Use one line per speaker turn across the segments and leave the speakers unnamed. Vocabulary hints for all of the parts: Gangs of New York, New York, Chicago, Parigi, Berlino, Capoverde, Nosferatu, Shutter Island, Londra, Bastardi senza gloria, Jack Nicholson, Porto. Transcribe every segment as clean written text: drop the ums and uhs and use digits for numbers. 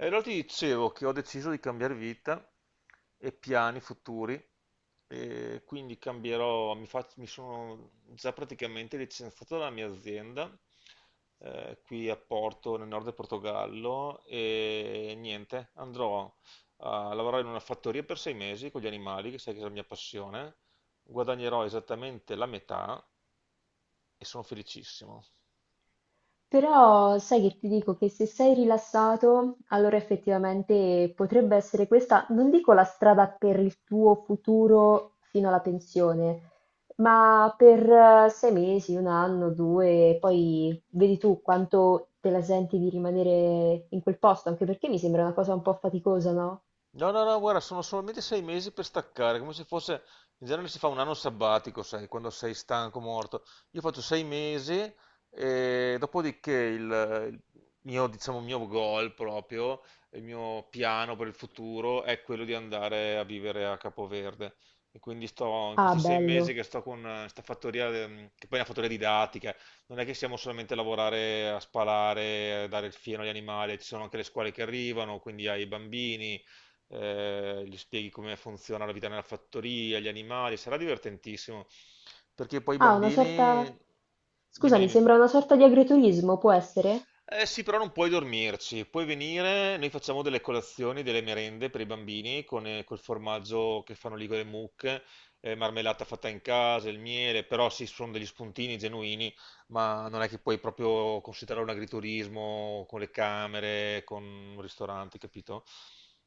E allora ti dicevo che ho deciso di cambiare vita e piani futuri, e quindi cambierò, mi sono già praticamente licenziato dalla mia azienda, qui a Porto, nel nord del Portogallo, e niente, andrò a lavorare in una fattoria per 6 mesi con gli animali, che sai che è la mia passione, guadagnerò esattamente la metà e sono felicissimo.
Però sai che ti dico che se sei rilassato, allora effettivamente potrebbe essere questa, non dico la strada per il tuo futuro fino alla pensione, ma per sei mesi, un anno, due, poi vedi tu quanto te la senti di rimanere in quel posto, anche perché mi sembra una cosa un po' faticosa, no?
No, no, no, guarda, sono solamente 6 mesi per staccare, come se fosse, in genere si fa un anno sabbatico, sai, quando sei stanco, morto. Io faccio 6 mesi e dopodiché il mio, diciamo, il mio goal proprio, il mio piano per il futuro è quello di andare a vivere a Capoverde. E quindi sto, in
Ah,
questi 6 mesi
bello.
che sto con questa fattoria, che poi è una fattoria didattica, non è che siamo solamente a lavorare, a spalare, a dare il fieno agli animali, ci sono anche le scuole che arrivano, quindi ai bambini gli spieghi come funziona la vita nella fattoria, gli animali, sarà divertentissimo. Perché poi i
Ah, una sorta...
bambini. Dimmi,
Scusami,
dimmi.
sembra una sorta di agriturismo, può essere?
Eh sì, però non puoi dormirci, puoi venire, noi facciamo delle colazioni, delle merende per i bambini con col formaggio che fanno lì con le mucche, marmellata fatta in casa, il miele, però sì, sono degli spuntini genuini, ma non è che puoi proprio considerare un agriturismo con le camere, con un ristorante, capito?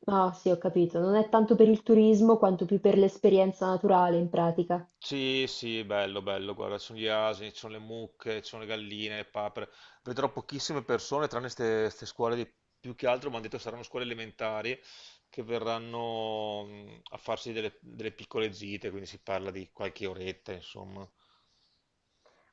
Ah, sì, ho capito. Non è tanto per il turismo quanto più per l'esperienza naturale, in pratica.
Sì, sì, bello, bello, guarda, ci sono gli asini, ci sono le mucche, ci sono le galline, le papere. Vedrò pochissime persone, tranne queste scuole, più che altro mi hanno detto saranno scuole elementari che verranno a farsi delle piccole gite, quindi si parla di qualche oretta, insomma.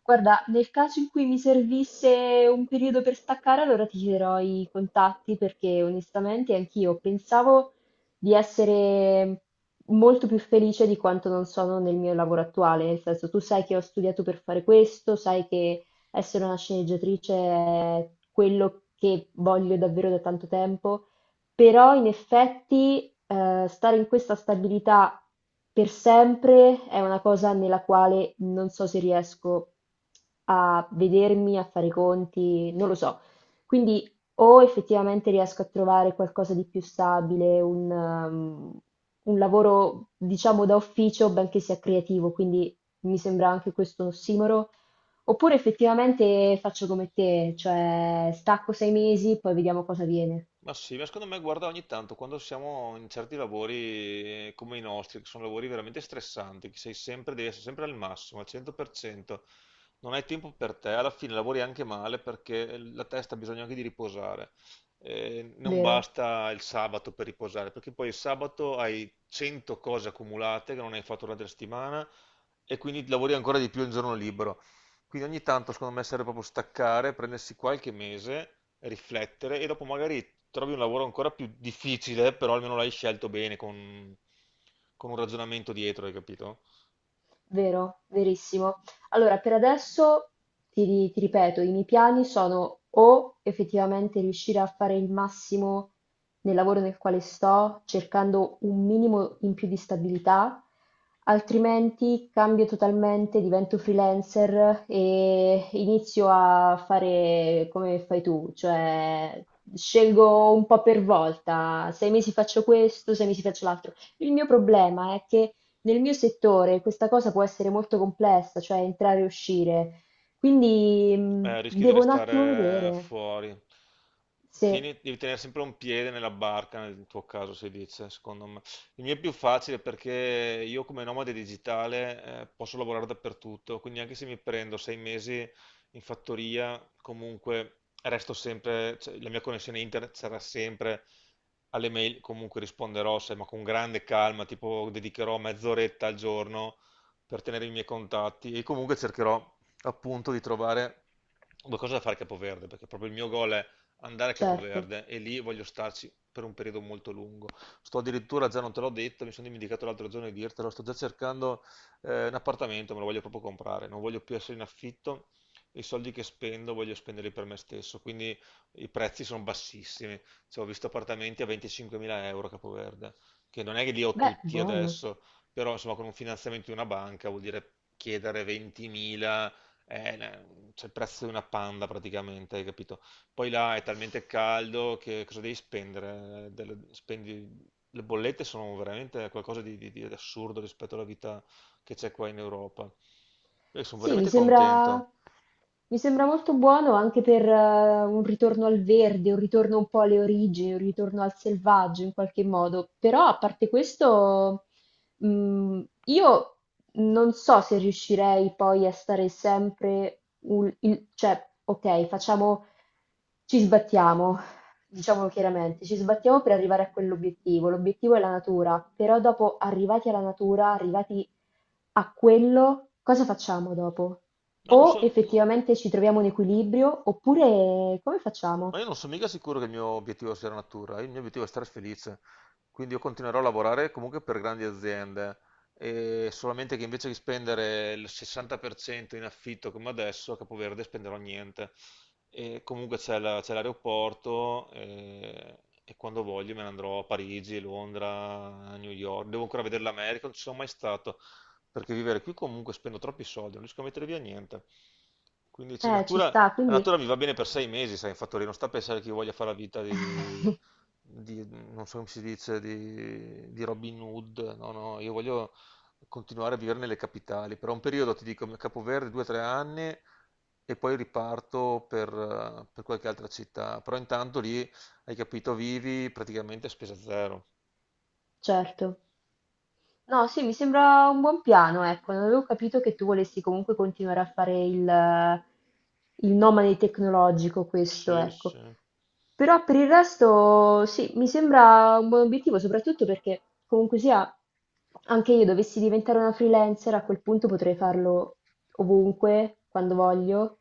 Guarda, nel caso in cui mi servisse un periodo per staccare, allora ti chiederò i contatti perché onestamente anch'io pensavo di essere molto più felice di quanto non sono nel mio lavoro attuale. Nel senso, tu sai che ho studiato per fare questo, sai che essere una sceneggiatrice è quello che voglio davvero da tanto tempo. Però in effetti, stare in questa stabilità per sempre è una cosa nella quale non so se riesco a vedermi, a fare i conti, non lo so. Quindi o effettivamente riesco a trovare qualcosa di più stabile, un lavoro diciamo da ufficio, benché sia creativo, quindi mi sembra anche questo un ossimoro. Oppure effettivamente faccio come te, cioè stacco sei mesi, poi vediamo cosa viene,
Ma sì, ma secondo me guarda ogni tanto quando siamo in certi lavori, come i nostri, che sono lavori veramente stressanti, che sei sempre, devi essere sempre al massimo, al 100%, non hai tempo per te, alla fine lavori anche male perché la testa ha bisogno anche di riposare. Non
vero?
basta il sabato per riposare, perché poi il sabato hai 100 cose accumulate che non hai fatto durante la settimana e quindi lavori ancora di più il giorno libero. Quindi ogni tanto secondo me serve proprio staccare, prendersi qualche mese, riflettere e dopo magari trovi un lavoro ancora più difficile, però almeno l'hai scelto bene con un ragionamento dietro, hai capito?
Vero, verissimo. Allora, per adesso ti ripeto, i miei piani sono o effettivamente riuscire a fare il massimo nel lavoro nel quale sto, cercando un minimo in più di stabilità, altrimenti cambio totalmente, divento freelancer e inizio a fare come fai tu, cioè scelgo un po' per volta, sei mesi faccio questo, sei mesi faccio l'altro. Il mio problema è che nel mio settore questa cosa può essere molto complessa, cioè entrare e uscire, quindi
Rischi di
devo un attimo
restare
vedere.
fuori.
Sì,
Devi tenere sempre un piede nella barca, nel tuo caso si dice, secondo me. Il mio è più facile perché io come nomade digitale, posso lavorare dappertutto, quindi anche se mi prendo 6 mesi in fattoria, comunque resto sempre, cioè, la mia connessione internet sarà sempre alle mail, comunque risponderò, sai, ma con grande calma, tipo dedicherò mezz'oretta al giorno per tenere i miei contatti e comunque cercherò appunto di trovare due cose da fare a Capoverde, perché proprio il mio goal è andare a
certo.
Capoverde e lì voglio starci per un periodo molto lungo. Sto addirittura, già non te l'ho detto, mi sono dimenticato l'altro giorno di dirtelo, sto già cercando un appartamento, me lo voglio proprio comprare, non voglio più essere in affitto, i soldi che spendo voglio spenderli per me stesso, quindi i prezzi sono bassissimi. Cioè, ho visto appartamenti a 25.000 euro a Capoverde, che non è che li ho
Beh,
tutti
buono.
adesso, però insomma con un finanziamento di una banca vuol dire chiedere 20.000, eh, la- c'è il prezzo di una panda praticamente, hai capito? Poi là è talmente caldo che cosa devi spendere? Le bollette sono veramente qualcosa di assurdo rispetto alla vita che c'è qua in Europa. Io sono
Sì,
veramente contento.
mi sembra molto buono anche per un ritorno al verde, un ritorno un po' alle origini, un ritorno al selvaggio in qualche modo. Però a parte questo, io non so se riuscirei poi a stare sempre, un- il- cioè, ok, facciamo, ci sbattiamo, diciamolo chiaramente, ci sbattiamo per arrivare a quell'obiettivo, l'obiettivo è la natura, però dopo arrivati alla natura, arrivati a quello, cosa facciamo dopo?
No, non
O
so. No.
effettivamente ci troviamo un equilibrio, oppure come
Ma
facciamo?
io non sono mica sicuro che il mio obiettivo sia la natura, il mio obiettivo è stare felice, quindi io continuerò a lavorare comunque per grandi aziende, e solamente che invece di spendere il 60% in affitto come adesso, a Capoverde spenderò niente. E comunque c'è l'aeroporto, e, quando voglio, me ne andrò a Parigi, Londra, New York, devo ancora vedere l'America, non ci sono mai stato, perché vivere qui comunque spendo troppi soldi, non riesco a mettere via niente. Quindi sì,
Ci
natura
sta,
la
quindi
natura mi va bene per 6 mesi, sai, infatti, non sta a pensare che io voglia fare la vita non so come si dice, di Robin Hood, no, no, io voglio continuare a vivere nelle capitali. Per un periodo ti dico Capoverde, 2 o 3 anni, e poi riparto per qualche altra città. Però intanto lì, hai capito, vivi praticamente a spesa zero.
certo. No, sì, mi sembra un buon piano, ecco, non avevo capito che tu volessi comunque continuare a fare il nomade tecnologico, questo,
Sì,
ecco.
sì.
Però per il resto sì, mi sembra un buon obiettivo, soprattutto perché comunque sia, anche io dovessi diventare una freelancer, a quel punto potrei farlo ovunque, quando voglio,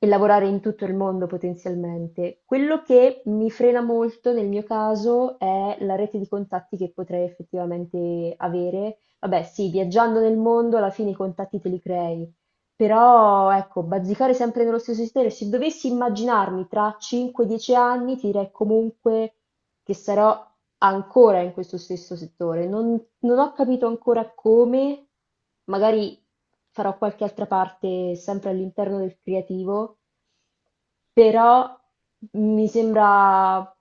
e lavorare in tutto il mondo potenzialmente. Quello che mi frena molto nel mio caso è la rete di contatti che potrei effettivamente avere. Vabbè, sì, viaggiando nel mondo alla fine i contatti te li crei, però ecco, bazzicare sempre nello stesso settore, se dovessi immaginarmi tra 5-10 anni, ti direi comunque che sarò ancora in questo stesso settore. Non ho capito ancora come, magari farò qualche altra parte sempre all'interno del creativo, però mi sembra,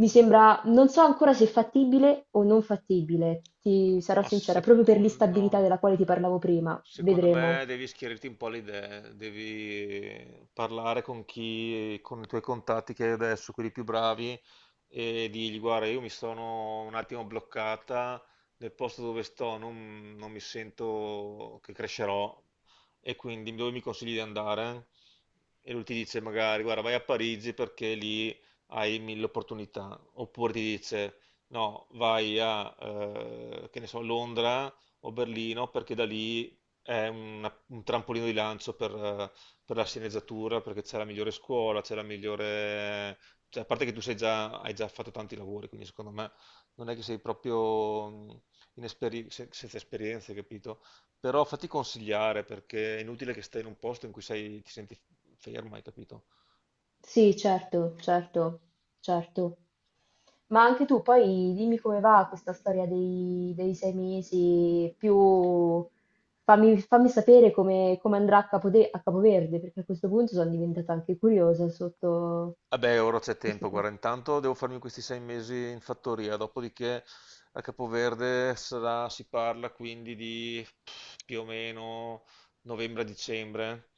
mi sembra, non so ancora se è fattibile o non fattibile, ti sarò
Ma
sincera, proprio per l'instabilità
secondo,
della quale ti parlavo prima,
secondo
vedremo.
me devi schierirti un po' le idee, devi parlare con chi, con i tuoi contatti che hai adesso, quelli più bravi, e dirgli: Guarda, io mi sono un attimo bloccata nel posto dove sto, non mi sento che crescerò, e quindi dove mi consigli di andare? E lui ti dice: Magari, guarda, vai a Parigi perché lì hai mille opportunità, oppure ti dice: No, vai a, che ne so, Londra o Berlino perché da lì un trampolino di lancio per la sceneggiatura, perché c'è la migliore scuola, c'è la migliore. Cioè, a parte che hai già fatto tanti lavori, quindi secondo me non è che sei proprio senza esperienze, capito? Però fatti consigliare perché è inutile che stai in un posto in cui ti senti ferma, hai capito?
Sì, certo, certo, certo. Ma anche tu poi dimmi come va questa storia dei sei mesi, più fammi sapere come andrà a a Capoverde, perché a questo punto sono diventata anche curiosa sotto
Vabbè, ora c'è
questo
tempo, guarda,
punto.
intanto devo farmi questi 6 mesi in fattoria, dopodiché a Capoverde si parla quindi di più o meno novembre-dicembre,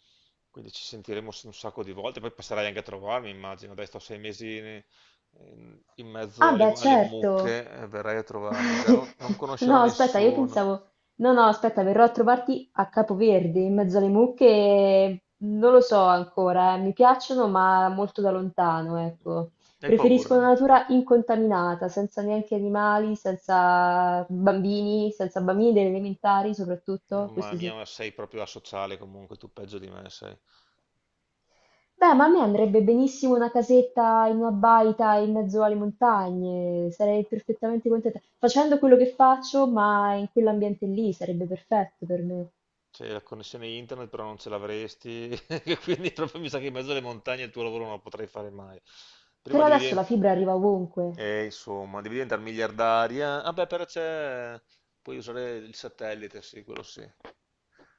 quindi ci sentiremo un sacco di volte, poi passerai anche a trovarmi, immagino, dai, sto 6 mesi in mezzo
Ah
alle,
beh,
alle
certo.
mucche, verrai a trovarmi, già non
No,
conoscerò
aspetta,
nessuno.
No, no, aspetta, verrò a trovarti a Capoverde, in mezzo alle mucche. Non lo so ancora, eh. Mi piacciono, ma molto da lontano, ecco.
Hai paura?
Preferisco una natura incontaminata, senza neanche animali, senza bambini, senza bambini delle elementari, soprattutto,
Mamma
questo sì.
mia, ma sei proprio asociale comunque, tu peggio di me sei.
Beh, ma a me andrebbe benissimo una casetta in una baita in mezzo alle montagne, sarei perfettamente contenta. Facendo quello che faccio, ma in quell'ambiente lì sarebbe perfetto per me.
Cioè, la connessione internet però non ce l'avresti, quindi proprio mi sa che in mezzo alle montagne il tuo lavoro non lo potrei fare mai. Prima
Però
devi
adesso la fibra arriva ovunque.
diventare, insomma, devi diventare miliardaria. Vabbè, però c'è. Puoi usare il satellite, sì, quello sì.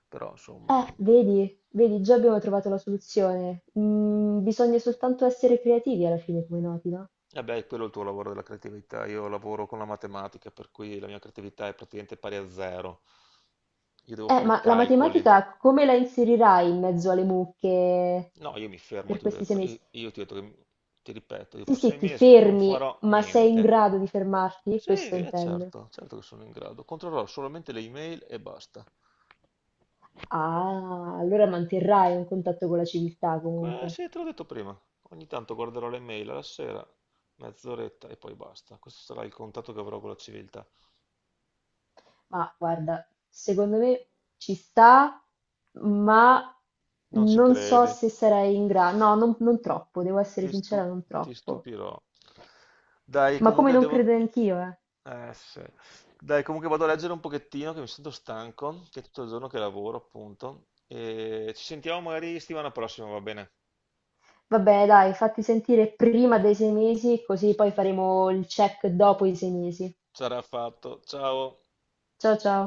Però, insomma,
Vedi, vedi, già abbiamo trovato la soluzione. Bisogna soltanto essere creativi alla fine, come noti, no?
vabbè, quello è il tuo lavoro della creatività. Io lavoro con la matematica, per cui la mia creatività è praticamente pari a zero. Io devo fare
Ma la
calcoli.
matematica come la inserirai in mezzo alle mucche
No, io mi fermo,
per
ti ho
questi sei
detto,
mesi?
io ti ho detto ti ripeto, io
Sì,
per
sì,
sei
ti
mesi non
fermi,
farò
ma sei in
niente.
grado di fermarti?
Sì,
Questo
è
intendo.
certo, certo che sono in grado. Controllerò solamente le email e basta.
Ah, allora manterrai un contatto con la civiltà
Que-
comunque.
sì, te l'ho detto prima. Ogni tanto guarderò le mail alla sera, mezz'oretta e poi basta. Questo sarà il contatto che avrò con la civiltà.
Ma guarda, secondo me ci sta, ma
Non ci
non so
credi?
se sarai in grado. No, non troppo, devo essere
Ti
sincera,
stu-
non
ti
troppo.
stupirò. Dai,
Ma come
comunque
non
devo.
credo anch'io, eh.
Sì. Dai, comunque vado a leggere un pochettino che mi sento stanco, che è tutto il giorno che lavoro, appunto. E ci sentiamo magari settimana prossima, va bene?
Vabbè, dai, fatti sentire prima dei sei mesi, così poi faremo il check dopo i sei mesi.
Sarà fatto. Ciao.
Ciao ciao.